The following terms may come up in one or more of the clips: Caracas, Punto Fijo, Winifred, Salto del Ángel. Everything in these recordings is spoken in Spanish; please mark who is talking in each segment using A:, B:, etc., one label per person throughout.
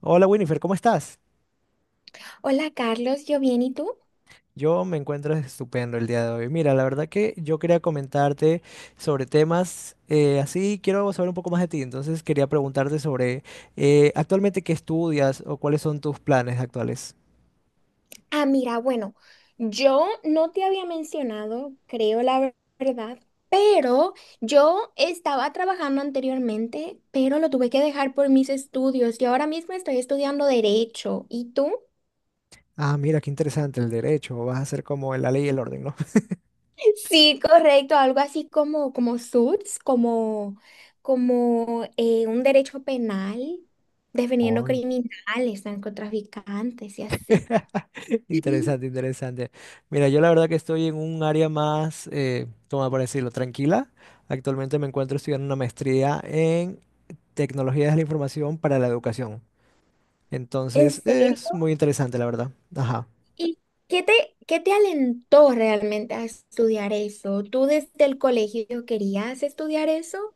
A: Hola Winifred, ¿cómo estás?
B: Hola Carlos, yo bien, ¿y tú?
A: Yo me encuentro estupendo el día de hoy. Mira, la verdad que yo quería comentarte sobre temas así, quiero saber un poco más de ti, entonces quería preguntarte sobre actualmente qué estudias o cuáles son tus planes actuales.
B: Ah, mira, bueno, yo no te había mencionado, creo la verdad, pero yo estaba trabajando anteriormente, pero lo tuve que dejar por mis estudios y ahora mismo estoy estudiando derecho. ¿Y tú?
A: Ah, mira, qué interesante el derecho, vas a ser como en la ley y el orden, ¿no?
B: Sí, correcto, algo así como, como suits, como, como un derecho penal, defendiendo
A: Oh,
B: criminales, narcotraficantes y así.
A: interesante, interesante. Mira, yo la verdad que estoy en un área más, ¿cómo para decirlo? Tranquila. Actualmente me encuentro estudiando una maestría en tecnologías de la información para la educación.
B: ¿En
A: Entonces,
B: serio?
A: es muy interesante, la verdad. Ajá.
B: ¿Y qué te alentó realmente a estudiar eso? ¿Tú desde el colegio querías estudiar eso?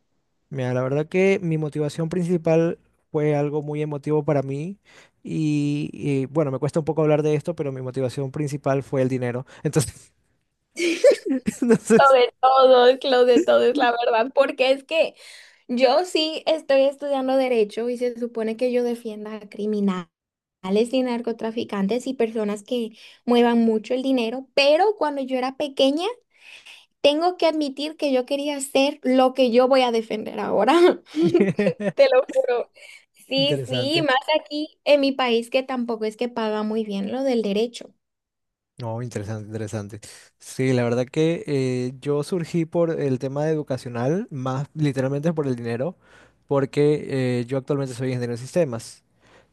A: Mira, la verdad que mi motivación principal fue algo muy emotivo para mí y bueno, me cuesta un poco hablar de esto, pero mi motivación principal fue el dinero. Entonces, entonces,
B: Lo de todos, la verdad, porque es que yo sí estoy estudiando derecho y se supone que yo defienda a criminales y narcotraficantes y personas que muevan mucho el dinero, pero cuando yo era pequeña, tengo que admitir que yo quería hacer lo que yo voy a defender ahora. Te lo juro. Sí, sí,
A: interesante.
B: más aquí en mi país que tampoco es que paga muy bien lo del derecho.
A: No, interesante, interesante. Sí, la verdad que yo surgí por el tema educacional, más literalmente por el dinero, porque yo actualmente soy ingeniero de sistemas.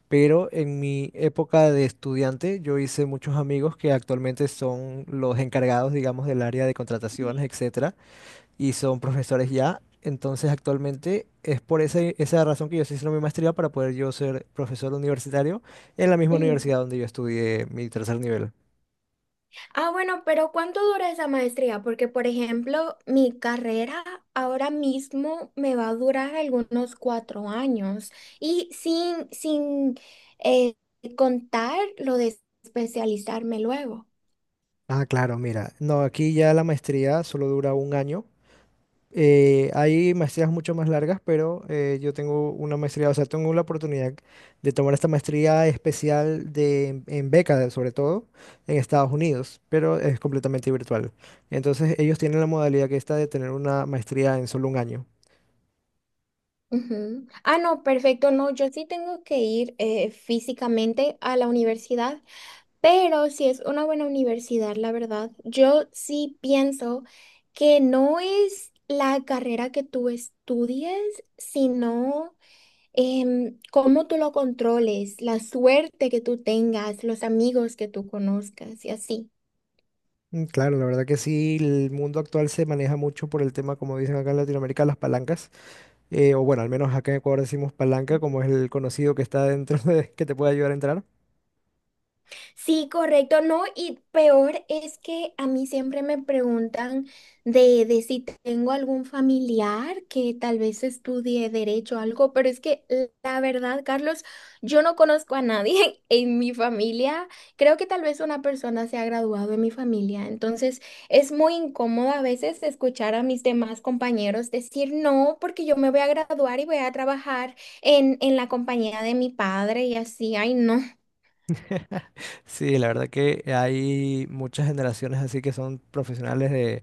A: Pero en mi época de estudiante yo hice muchos amigos que actualmente son los encargados, digamos, del área de contrataciones, etcétera, y son profesores ya. Entonces actualmente es por esa razón que yo estoy haciendo mi maestría para poder yo ser profesor universitario en la misma
B: Ujú.
A: universidad donde yo estudié mi tercer nivel.
B: Ah, bueno, pero ¿cuánto dura esa maestría? Porque, por ejemplo, mi carrera ahora mismo me va a durar algunos 4 años y sin eh, contar lo de especializarme luego.
A: Ah, claro, mira. No, aquí ya la maestría solo dura un año. Hay maestrías mucho más largas, pero yo tengo una maestría, o sea, tengo la oportunidad de tomar esta maestría especial en beca, sobre todo en Estados Unidos, pero es completamente virtual. Entonces, ellos tienen la modalidad que está de tener una maestría en solo un año.
B: Ujú. Ah, no, perfecto, no, yo sí tengo que ir físicamente a la universidad. Pero si es una buena universidad, la verdad, yo sí pienso que no es la carrera que tú estudies, sino cómo tú lo controles, la suerte que tú tengas, los amigos que tú conozcas y así.
A: Mm, claro, la verdad que sí, el mundo actual se maneja mucho por el tema, como dicen acá en Latinoamérica, las palancas, o bueno, al menos acá en Ecuador decimos palanca, como es el conocido que está dentro de, que te puede ayudar a entrar.
B: Sí, correcto, no, y peor es que a mí siempre me preguntan de si tengo algún familiar que tal vez estudie derecho o algo, pero es que la verdad, Carlos, yo no conozco a nadie en mi familia. Creo que tal vez una persona se ha graduado en mi familia, entonces es muy incómodo a veces escuchar a mis demás compañeros decir no, porque yo me voy a graduar y voy a trabajar en la compañía de mi padre y así, ay, no.
A: Sí, la verdad que hay muchas generaciones así que son profesionales de,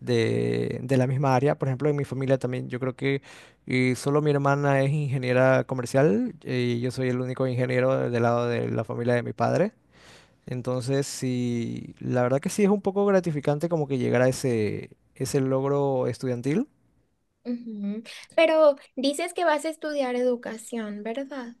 A: de, de la misma área. Por ejemplo, en mi familia también, yo creo que solo mi hermana es ingeniera comercial y yo soy el único ingeniero del lado de la familia de mi padre. Entonces, sí, la verdad que sí es un poco gratificante como que llegar a ese logro estudiantil.
B: Ujú. Pero dices que vas a estudiar educación, ¿verdad?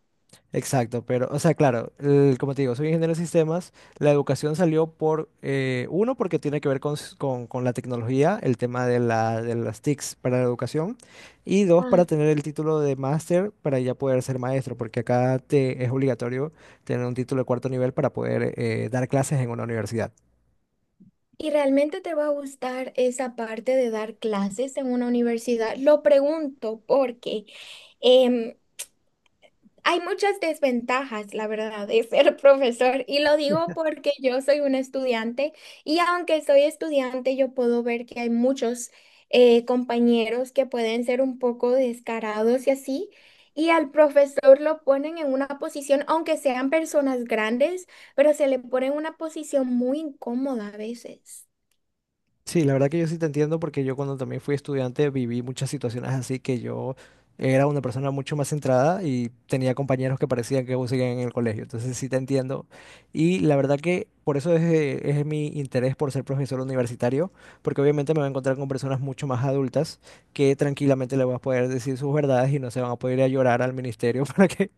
A: Exacto, pero, o sea, claro, como te digo, soy ingeniero de sistemas. La educación salió por, uno, porque tiene que ver con, con la tecnología, el tema de de las TICs para la educación, y dos, para
B: Ah,
A: tener el título de máster para ya poder ser maestro, porque acá te, es obligatorio tener un título de cuarto nivel para poder dar clases en una universidad.
B: ¿y realmente te va a gustar esa parte de dar clases en una universidad? Lo pregunto porque em, hay muchas desventajas, la verdad, de ser profesor y lo digo porque yo soy una estudiante y aunque soy estudiante yo puedo ver que hay muchos compañeros que pueden ser un poco descarados y así y al profesor lo ponen en una posición, aunque sean personas grandes, pero se le pone en una posición muy incómoda a veces.
A: Sí, la verdad que yo sí te entiendo porque yo cuando también fui estudiante viví muchas situaciones así que yo era una persona mucho más centrada y tenía compañeros que parecían que aún seguían en el colegio. Entonces sí te entiendo. Y la verdad que por eso es mi interés por ser profesor universitario, porque obviamente me voy a encontrar con personas mucho más adultas que tranquilamente le voy a poder decir sus verdades y no se van a poder ir a llorar al ministerio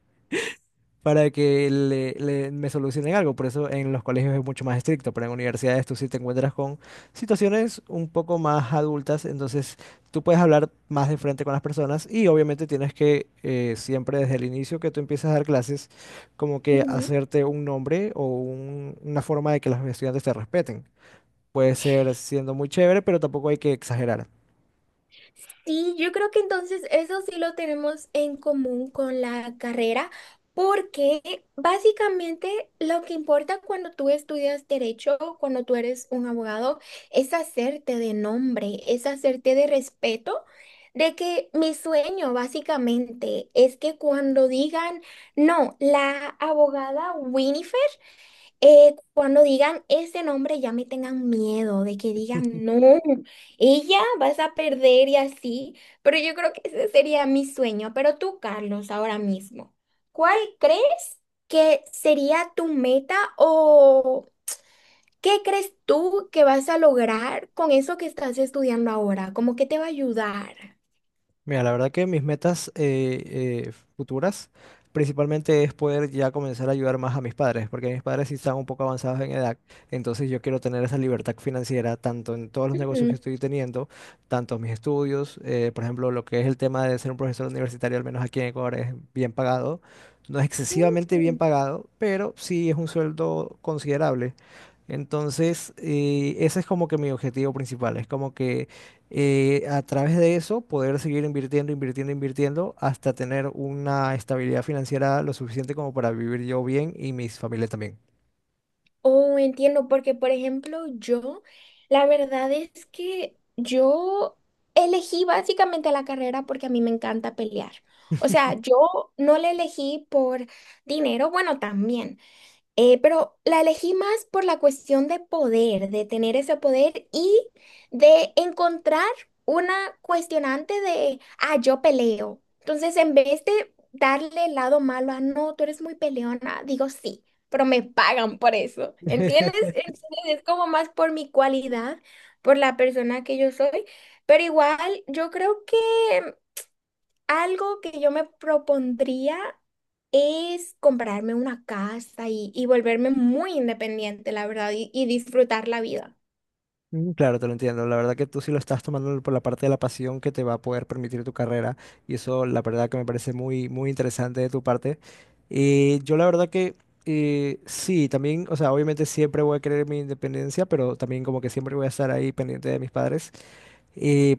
A: para que me solucionen algo. Por eso en los colegios es mucho más estricto, pero en universidades tú sí te encuentras con situaciones un poco más adultas, entonces tú puedes hablar más de frente con las personas y obviamente tienes que siempre desde el inicio que tú empiezas a dar clases, como que hacerte un nombre o una forma de que los estudiantes te respeten. Puede ser siendo muy chévere, pero tampoco hay que exagerar.
B: Sí, yo creo que entonces eso sí lo tenemos en común con la carrera, porque básicamente lo que importa cuando tú estudias derecho, cuando tú eres un abogado, es hacerte de nombre, es hacerte de respeto, de que mi sueño básicamente es que cuando digan, no, la abogada cuando digan ese nombre ya me tengan miedo de que digan, no, ella vas a perder y así, pero yo creo que ese sería mi sueño. Pero tú, Carlos, ahora mismo, ¿cuál crees que sería tu meta o qué crees tú que vas a lograr con eso que estás estudiando ahora? ¿Cómo que te va a ayudar?
A: Mira, la verdad que mis metas futuras principalmente es poder ya comenzar a ayudar más a mis padres, porque mis padres sí están un poco avanzados en edad, entonces yo quiero tener esa libertad financiera tanto en todos los negocios que estoy teniendo, tanto mis estudios, por ejemplo, lo que es el tema de ser un profesor universitario, al menos aquí en Ecuador, es bien pagado, no es excesivamente bien
B: Ujú.
A: pagado, pero sí es un sueldo considerable. Entonces, ese es como que mi objetivo principal, es como que a través de eso poder seguir invirtiendo, invirtiendo, invirtiendo hasta tener una estabilidad financiera lo suficiente como para vivir yo bien y mis familias también.
B: Oh, entiendo, porque por ejemplo yo, la verdad es que yo elegí básicamente la carrera porque a mí me encanta pelear. O sea, yo no la elegí por dinero, bueno, también, pero la elegí más por la cuestión de poder, de tener ese poder y de encontrar una cuestionante de, ah, yo peleo. Entonces, en vez de darle el lado malo a, no, tú eres muy peleona, digo sí, pero me pagan por eso. ¿Entiendes? Entonces, es como más por mi cualidad, por la persona que yo soy. Pero igual, yo creo que algo que yo me propondría es comprarme una casa y volverme muy independiente, la verdad, y disfrutar la vida.
A: Mm, claro, te lo entiendo. La verdad que tú sí lo estás tomando por la parte de la pasión que te va a poder permitir tu carrera y eso la verdad que me parece muy, muy interesante de tu parte. Yo la verdad que sí, también, o sea, obviamente siempre voy a querer mi independencia, pero también como que siempre voy a estar ahí pendiente de mis padres. Eh,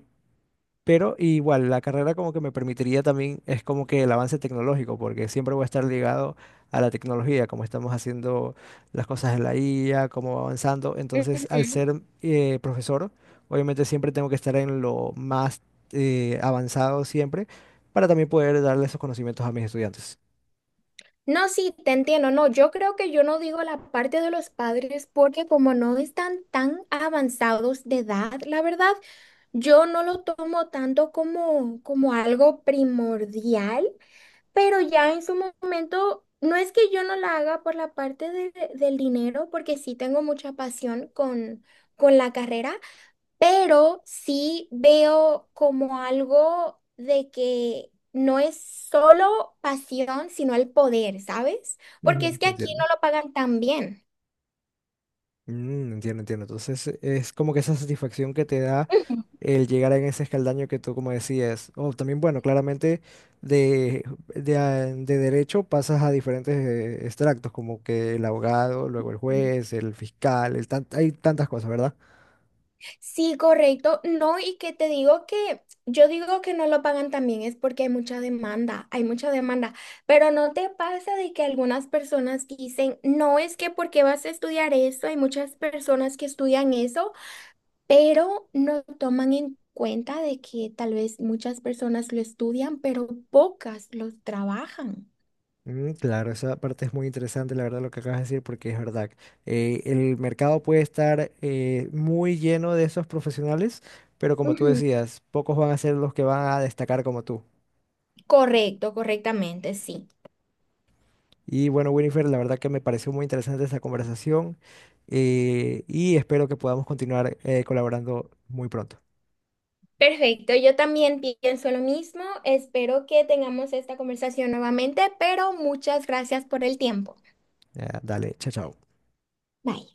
A: Pero igual, la carrera como que me permitiría también, es como que el avance tecnológico, porque siempre voy a estar ligado a la tecnología, como estamos haciendo las cosas en la IA, cómo va avanzando. Entonces, al
B: Ujú.
A: ser profesor, obviamente siempre tengo que estar en lo más avanzado siempre, para también poder darle esos conocimientos a mis estudiantes.
B: No, sí, te entiendo. No, yo creo que yo no digo la parte de los padres porque como no están tan avanzados de edad, la verdad, yo no lo tomo tanto como, como algo primordial. Pero ya en su momento, no es que yo no la haga por la parte del dinero, porque sí tengo mucha pasión con la carrera, pero sí veo como algo de que no es solo pasión, sino el poder, ¿sabes? Porque
A: Ujú,
B: es que
A: te
B: aquí
A: entiendo.
B: no lo pagan tan bien.
A: Mm, entiendo, entiendo. Entonces, es como que esa satisfacción que te da
B: Ujú.
A: el llegar en ese escaldaño que tú como decías. O también, bueno, claramente de, de derecho pasas a diferentes extractos, como que el abogado, luego el juez, el fiscal, hay tantas cosas, ¿verdad?
B: Sí, correcto. No, y que te digo que yo digo que no lo pagan también es porque hay mucha demanda, pero no te pasa de que algunas personas dicen, no es que porque vas a estudiar eso, hay muchas personas que estudian eso, pero no toman en cuenta de que tal vez muchas personas lo estudian, pero pocas lo trabajan.
A: Mm, claro, esa parte es muy interesante, la verdad, lo que acabas de decir, porque es verdad. El mercado puede estar muy lleno de esos profesionales, pero como tú
B: Ujú,
A: decías, pocos van a ser los que van a destacar como tú.
B: correcto, correctamente, sí.
A: Y bueno, Winifred, la verdad que me pareció muy interesante esta conversación y espero que podamos continuar colaborando muy pronto.
B: Perfecto, yo también pienso lo mismo. Espero que tengamos esta conversación nuevamente, pero muchas gracias por el tiempo.
A: Ya, dale, chao, chao.
B: Bye.